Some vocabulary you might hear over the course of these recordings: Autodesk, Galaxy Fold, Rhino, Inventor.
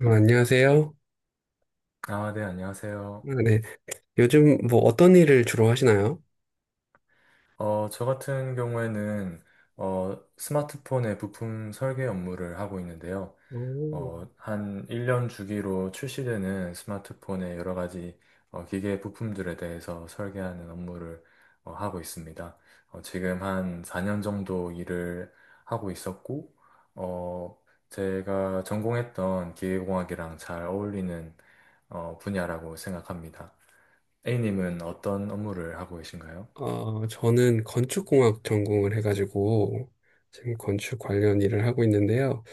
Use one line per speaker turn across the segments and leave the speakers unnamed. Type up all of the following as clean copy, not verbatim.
안녕하세요.
아, 네, 안녕하세요.
아, 네. 요즘 뭐 어떤 일을 주로 하시나요?
저 같은 경우에는 스마트폰의 부품 설계 업무를 하고 있는데요.
오.
한 1년 주기로 출시되는 스마트폰의 여러 가지 기계 부품들에 대해서 설계하는 업무를 하고 있습니다. 지금 한 4년 정도 일을 하고 있었고, 어, 제가 전공했던 기계공학이랑 잘 어울리는 분야라고 생각합니다. A님은 어떤 업무를 하고 계신가요?
저는 건축공학 전공을 해가지고 지금 건축 관련 일을 하고 있는데요.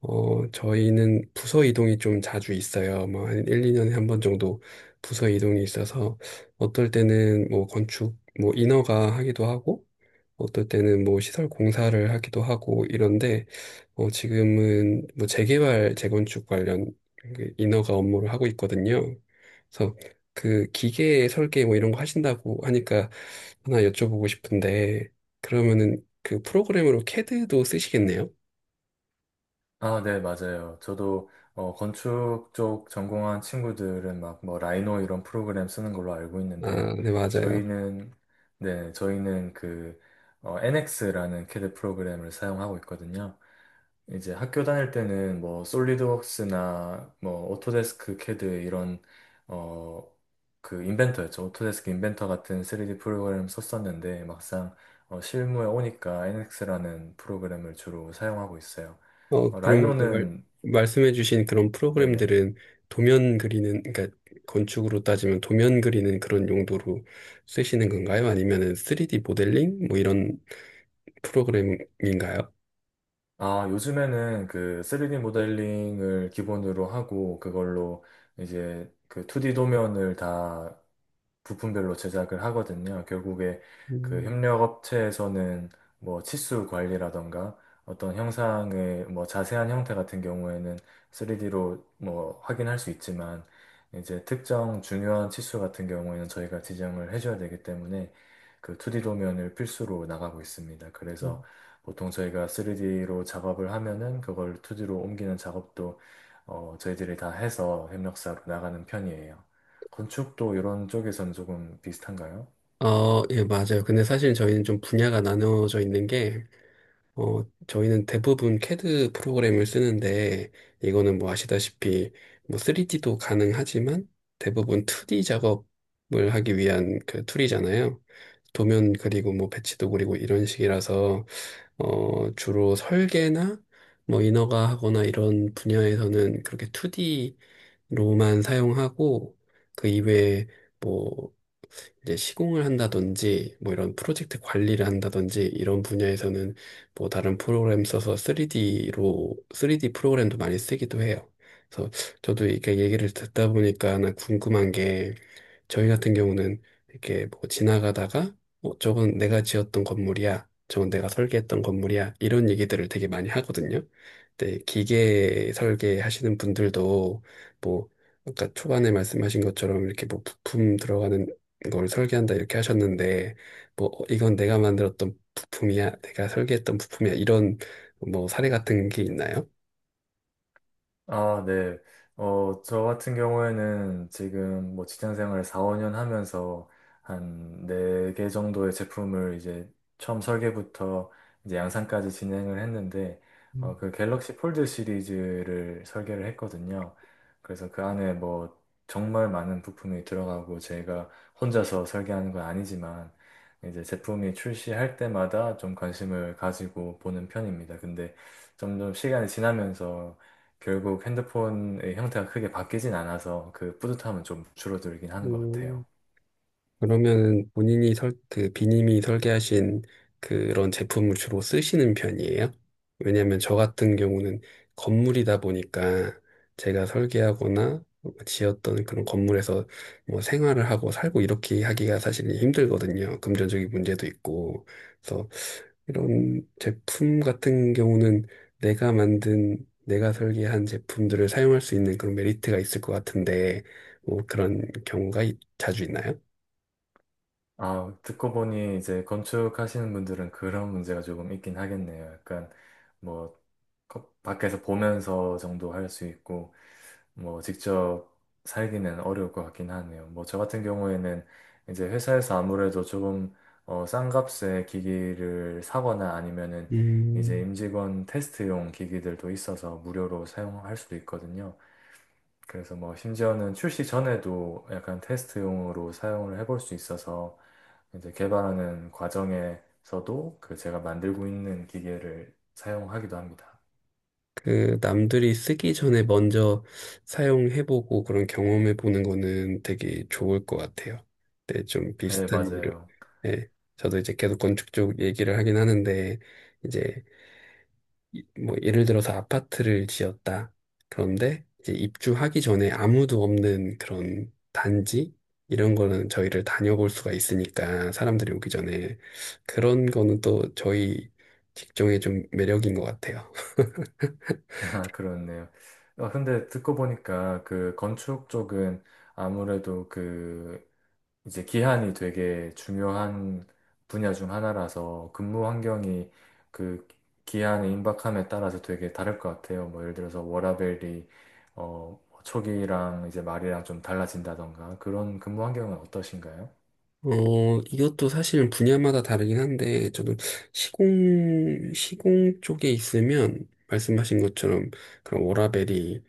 저희는 부서 이동이 좀 자주 있어요. 뭐, 한 1, 2년에 한 번 정도 부서 이동이 있어서, 어떨 때는 뭐, 건축, 뭐, 인허가 하기도 하고, 어떨 때는 뭐, 시설 공사를 하기도 하고, 이런데, 지금은 뭐, 재개발, 재건축 관련 그 인허가 업무를 하고 있거든요. 그래서 그 기계 설계 뭐 이런 거 하신다고 하니까 하나 여쭤보고 싶은데, 그러면은 그 프로그램으로 캐드도 쓰시겠네요?
아, 네, 맞아요. 저도 건축 쪽 전공한 친구들은 막 뭐 라이노 이런 프로그램 쓰는 걸로 알고 있는데
아, 네, 맞아요.
저희는 네, 저희는 그 NX라는 캐드 프로그램을 사용하고 있거든요. 이제 학교 다닐 때는 뭐 솔리드웍스나 뭐 오토데스크 캐드 이런 어, 그 인벤터였죠. 오토데스크 인벤터 같은 3D 프로그램 썼었는데 막상 실무에 오니까 NX라는 프로그램을 주로 사용하고 있어요. 어,
그러면 그
라이노는,
말씀해주신 그런
네네.
프로그램들은 도면 그리는, 그러니까 건축으로 따지면 도면 그리는 그런 용도로 쓰시는 건가요? 아니면은 3D 모델링? 뭐 이런 프로그램인가요?
아, 요즘에는 그 3D 모델링을 기본으로 하고 그걸로 이제 그 2D 도면을 다 부품별로 제작을 하거든요. 결국에 그
음.
협력업체에서는 뭐 치수 관리라던가 어떤 형상의 뭐 자세한 형태 같은 경우에는 3D로 뭐 확인할 수 있지만 이제 특정 중요한 치수 같은 경우에는 저희가 지정을 해줘야 되기 때문에 그 2D 도면을 필수로 나가고 있습니다. 그래서 보통 저희가 3D로 작업을 하면은 그걸 2D로 옮기는 작업도 저희들이 다 해서 협력사로 나가는 편이에요. 건축도 이런 쪽에선 조금 비슷한가요?
예, 맞아요. 근데 사실 저희는 좀 분야가 나누어져 있는 게 저희는 대부분 CAD 프로그램을 쓰는데, 이거는 뭐 아시다시피, 뭐 3D도 가능하지만, 대부분 2D 작업을 하기 위한 그 툴이잖아요. 도면 그리고 뭐 배치도 그리고 이런 식이라서, 주로 설계나 뭐 인허가 하거나 이런 분야에서는 그렇게 2D로만 사용하고, 그 이외에 뭐 이제 시공을 한다든지 뭐 이런 프로젝트 관리를 한다든지 이런 분야에서는 뭐 다른 프로그램 써서 3D로 3D 프로그램도 많이 쓰기도 해요. 그래서 저도 이렇게 얘기를 듣다 보니까 하나 궁금한 게 저희 같은 경우는 이렇게 뭐 지나가다가 저건 내가 지었던 건물이야. 저건 내가 설계했던 건물이야. 이런 얘기들을 되게 많이 하거든요. 근데 기계 설계하시는 분들도 뭐 아까 초반에 말씀하신 것처럼 이렇게 뭐 부품 들어가는 걸 설계한다 이렇게 하셨는데 뭐 이건 내가 만들었던 부품이야. 내가 설계했던 부품이야. 이런 뭐 사례 같은 게 있나요?
아, 네. 저 같은 경우에는 지금 뭐 직장 생활 4, 5년 하면서 한 4개 정도의 제품을 이제 처음 설계부터 이제 양산까지 진행을 했는데, 그 갤럭시 폴드 시리즈를 설계를 했거든요. 그래서 그 안에 뭐 정말 많은 부품이 들어가고 제가 혼자서 설계하는 건 아니지만, 이제 제품이 출시할 때마다 좀 관심을 가지고 보는 편입니다. 근데 점점 시간이 지나면서 결국 핸드폰의 형태가 크게 바뀌진 않아서 그 뿌듯함은 좀 줄어들긴 하는 것 같아요.
음, 그러면은 본인이 그 비님이 설계하신 그런 제품을 주로 쓰시는 편이에요? 왜냐면 하저 같은 경우는 건물이다 보니까 제가 설계하거나 지었던 그런 건물에서 뭐 생활을 하고 살고 이렇게 하기가 사실 힘들거든요. 금전적인 문제도 있고. 그래서 이런 제품 같은 경우는 내가 만든, 내가 설계한 제품들을 사용할 수 있는 그런 메리트가 있을 것 같은데, 뭐 그런 경우가 자주 있나요?
아, 듣고 보니 이제 건축하시는 분들은 그런 문제가 조금 있긴 하겠네요. 약간 뭐 밖에서 보면서 정도 할 수 있고 뭐 직접 살기는 어려울 것 같긴 하네요. 뭐 저 같은 경우에는 이제 회사에서 아무래도 조금 싼 값에 기기를 사거나 아니면은 이제
음,
임직원 테스트용 기기들도 있어서 무료로 사용할 수도 있거든요. 그래서 뭐 심지어는 출시 전에도 약간 테스트용으로 사용을 해볼 수 있어서 이제 개발하는 과정에서도 그 제가 만들고 있는 기계를 사용하기도 합니다.
그 남들이 쓰기 전에 먼저 사용해보고 그런 경험해보는 거는 되게 좋을 것 같아요. 근좀
네,
비슷한 일을,
맞아요.
예. 저도 이제 계속 건축 쪽 얘기를 하긴 하는데, 이제 뭐 예를 들어서 아파트를 지었다. 그런데 이제 입주하기 전에 아무도 없는 그런 단지? 이런 거는 저희를 다녀볼 수가 있으니까 사람들이 오기 전에 그런 거는 또 저희 직종의 좀 매력인 것 같아요.
아, 그렇네요. 근데 듣고 보니까 그 건축 쪽은 아무래도 그 이제 기한이 되게 중요한 분야 중 하나라서 근무 환경이 그 기한의 임박함에 따라서 되게 다를 것 같아요. 뭐 예를 들어서 워라밸이 초기랑 이제 말이랑 좀 달라진다던가 그런 근무 환경은 어떠신가요?
이것도 사실 분야마다 다르긴 한데, 저도 시공 쪽에 있으면, 말씀하신 것처럼, 그런 워라밸이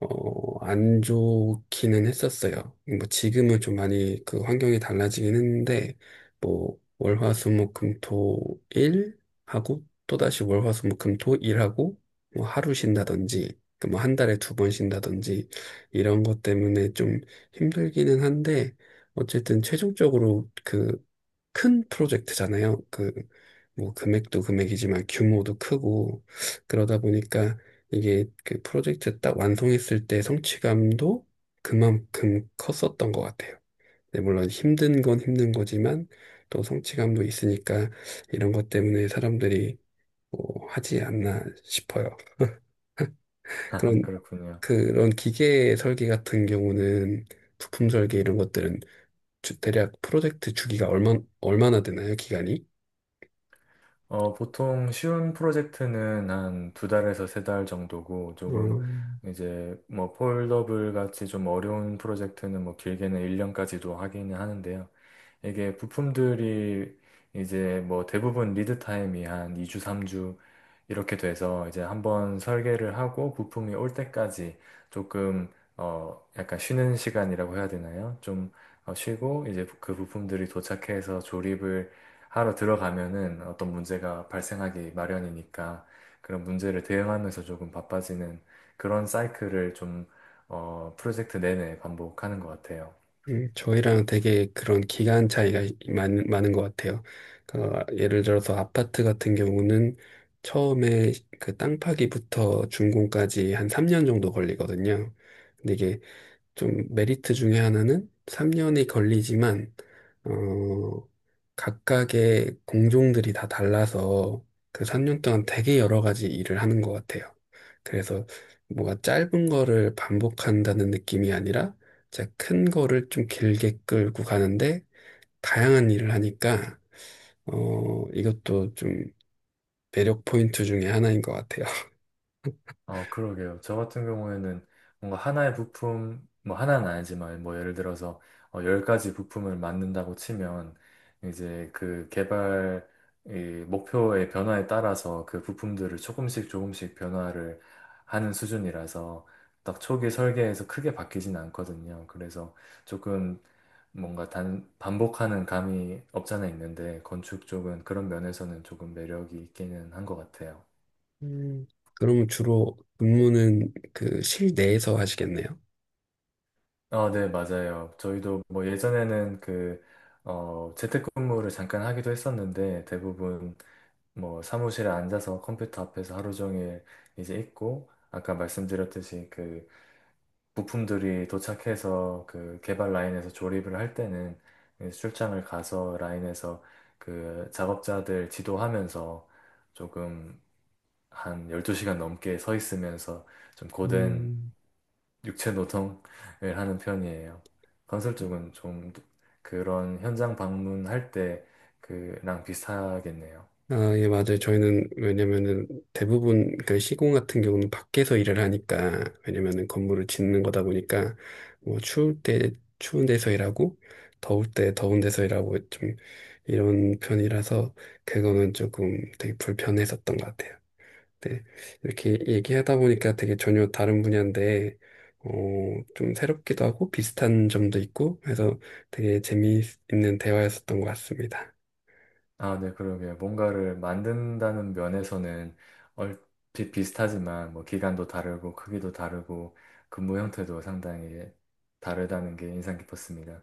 안 좋기는 했었어요. 뭐 지금은 좀 많이 그 환경이 달라지긴 했는데 뭐 월화수목금토일 하고 또다시 월화수목금토일 하고 뭐 하루 쉰다든지 그 뭐 한 달에 두 번 쉰다든지 이런 것 때문에 좀 힘들기는 한데 어쨌든 최종적으로 그 큰 프로젝트잖아요. 그 뭐 금액도 금액이지만 규모도 크고 그러다 보니까 이게 그 프로젝트 딱 완성했을 때 성취감도 그만큼 컸었던 것 같아요. 네, 물론 힘든 건 힘든 거지만 또 성취감도 있으니까 이런 것 때문에 사람들이 뭐 하지 않나 싶어요. 그런
그렇군요.
그런 기계 설계 같은 경우는 부품 설계 이런 것들은 대략 프로젝트 주기가 얼마나 되나요? 기간이?
보통 쉬운 프로젝트는 한 두 달에서 세 달 정도고, 조금
어,
이제 뭐 폴더블 같이 좀 어려운 프로젝트는 뭐 길게는 1년까지도 하기는 하는데요. 이게 부품들이 이제 뭐 대부분 리드 타임이 한 2주, 3주 이렇게 돼서 이제 한번 설계를 하고 부품이 올 때까지 조금 약간 쉬는 시간이라고 해야 되나요? 좀 쉬고 이제 그 부품들이 도착해서 조립을 하러 들어가면은 어떤 문제가 발생하기 마련이니까 그런 문제를 대응하면서 조금 바빠지는 그런 사이클을 좀, 프로젝트 내내 반복하는 것 같아요.
저희랑 되게 그런 기간 차이가 많은 것 같아요. 그러니까 예를 들어서 아파트 같은 경우는 처음에 그 땅 파기부터 준공까지 한 3년 정도 걸리거든요. 근데 이게 좀 메리트 중에 하나는 3년이 걸리지만, 어, 각각의 공종들이 다 달라서 그 3년 동안 되게 여러 가지 일을 하는 것 같아요. 그래서 뭐가 짧은 거를 반복한다는 느낌이 아니라 진짜 큰 거를 좀 길게 끌고 가는데 다양한 일을 하니까, 이것도 좀 매력 포인트 중에 하나인 것 같아요.
그러게요. 저 같은 경우에는 뭔가 하나의 부품, 뭐 하나는 아니지만 뭐 예를 들어서 10가지 부품을 만든다고 치면 이제 그 개발 이 목표의 변화에 따라서 그 부품들을 조금씩 조금씩 변화를 하는 수준이라서 딱 초기 설계에서 크게 바뀌진 않거든요. 그래서 조금 뭔가 단, 반복하는 감이 없잖아 있는데 건축 쪽은 그런 면에서는 조금 매력이 있기는 한 것 같아요.
음, 그러면 주로 근무는 그 실내에서 하시겠네요?
아, 네, 맞아요. 저희도 뭐 예전에는 재택근무를 잠깐 하기도 했었는데 대부분 뭐 사무실에 앉아서 컴퓨터 앞에서 하루 종일 이제 있고 아까 말씀드렸듯이 그 부품들이 도착해서 그 개발 라인에서 조립을 할 때는 이제 출장을 가서 라인에서 그 작업자들 지도하면서 조금 한 12시간 넘게 서 있으면서 좀 고된
음.
육체 노동을 하는 편이에요. 건설 쪽은 좀 그런 현장 방문할 때 그랑 비슷하겠네요.
아, 예, 맞아요. 저희는 왜냐면은 대부분 그 시공 같은 경우는 밖에서 일을 하니까 왜냐면은 건물을 짓는 거다 보니까 뭐 추울 때 추운 데서 일하고 더울 때 더운 데서 일하고 좀 이런 편이라서 그거는 조금 되게 불편했었던 것 같아요. 네. 이렇게 얘기하다 보니까 되게 전혀 다른 분야인데 어, 좀 새롭기도 하고 비슷한 점도 있고 해서 되게 재미있는 대화였었던 것 같습니다.
아, 네, 그러게요. 뭔가를 만든다는 면에서는 얼핏 비슷하지만 뭐 기간도 다르고 크기도 다르고 근무 형태도 상당히 다르다는 게 인상 깊었습니다.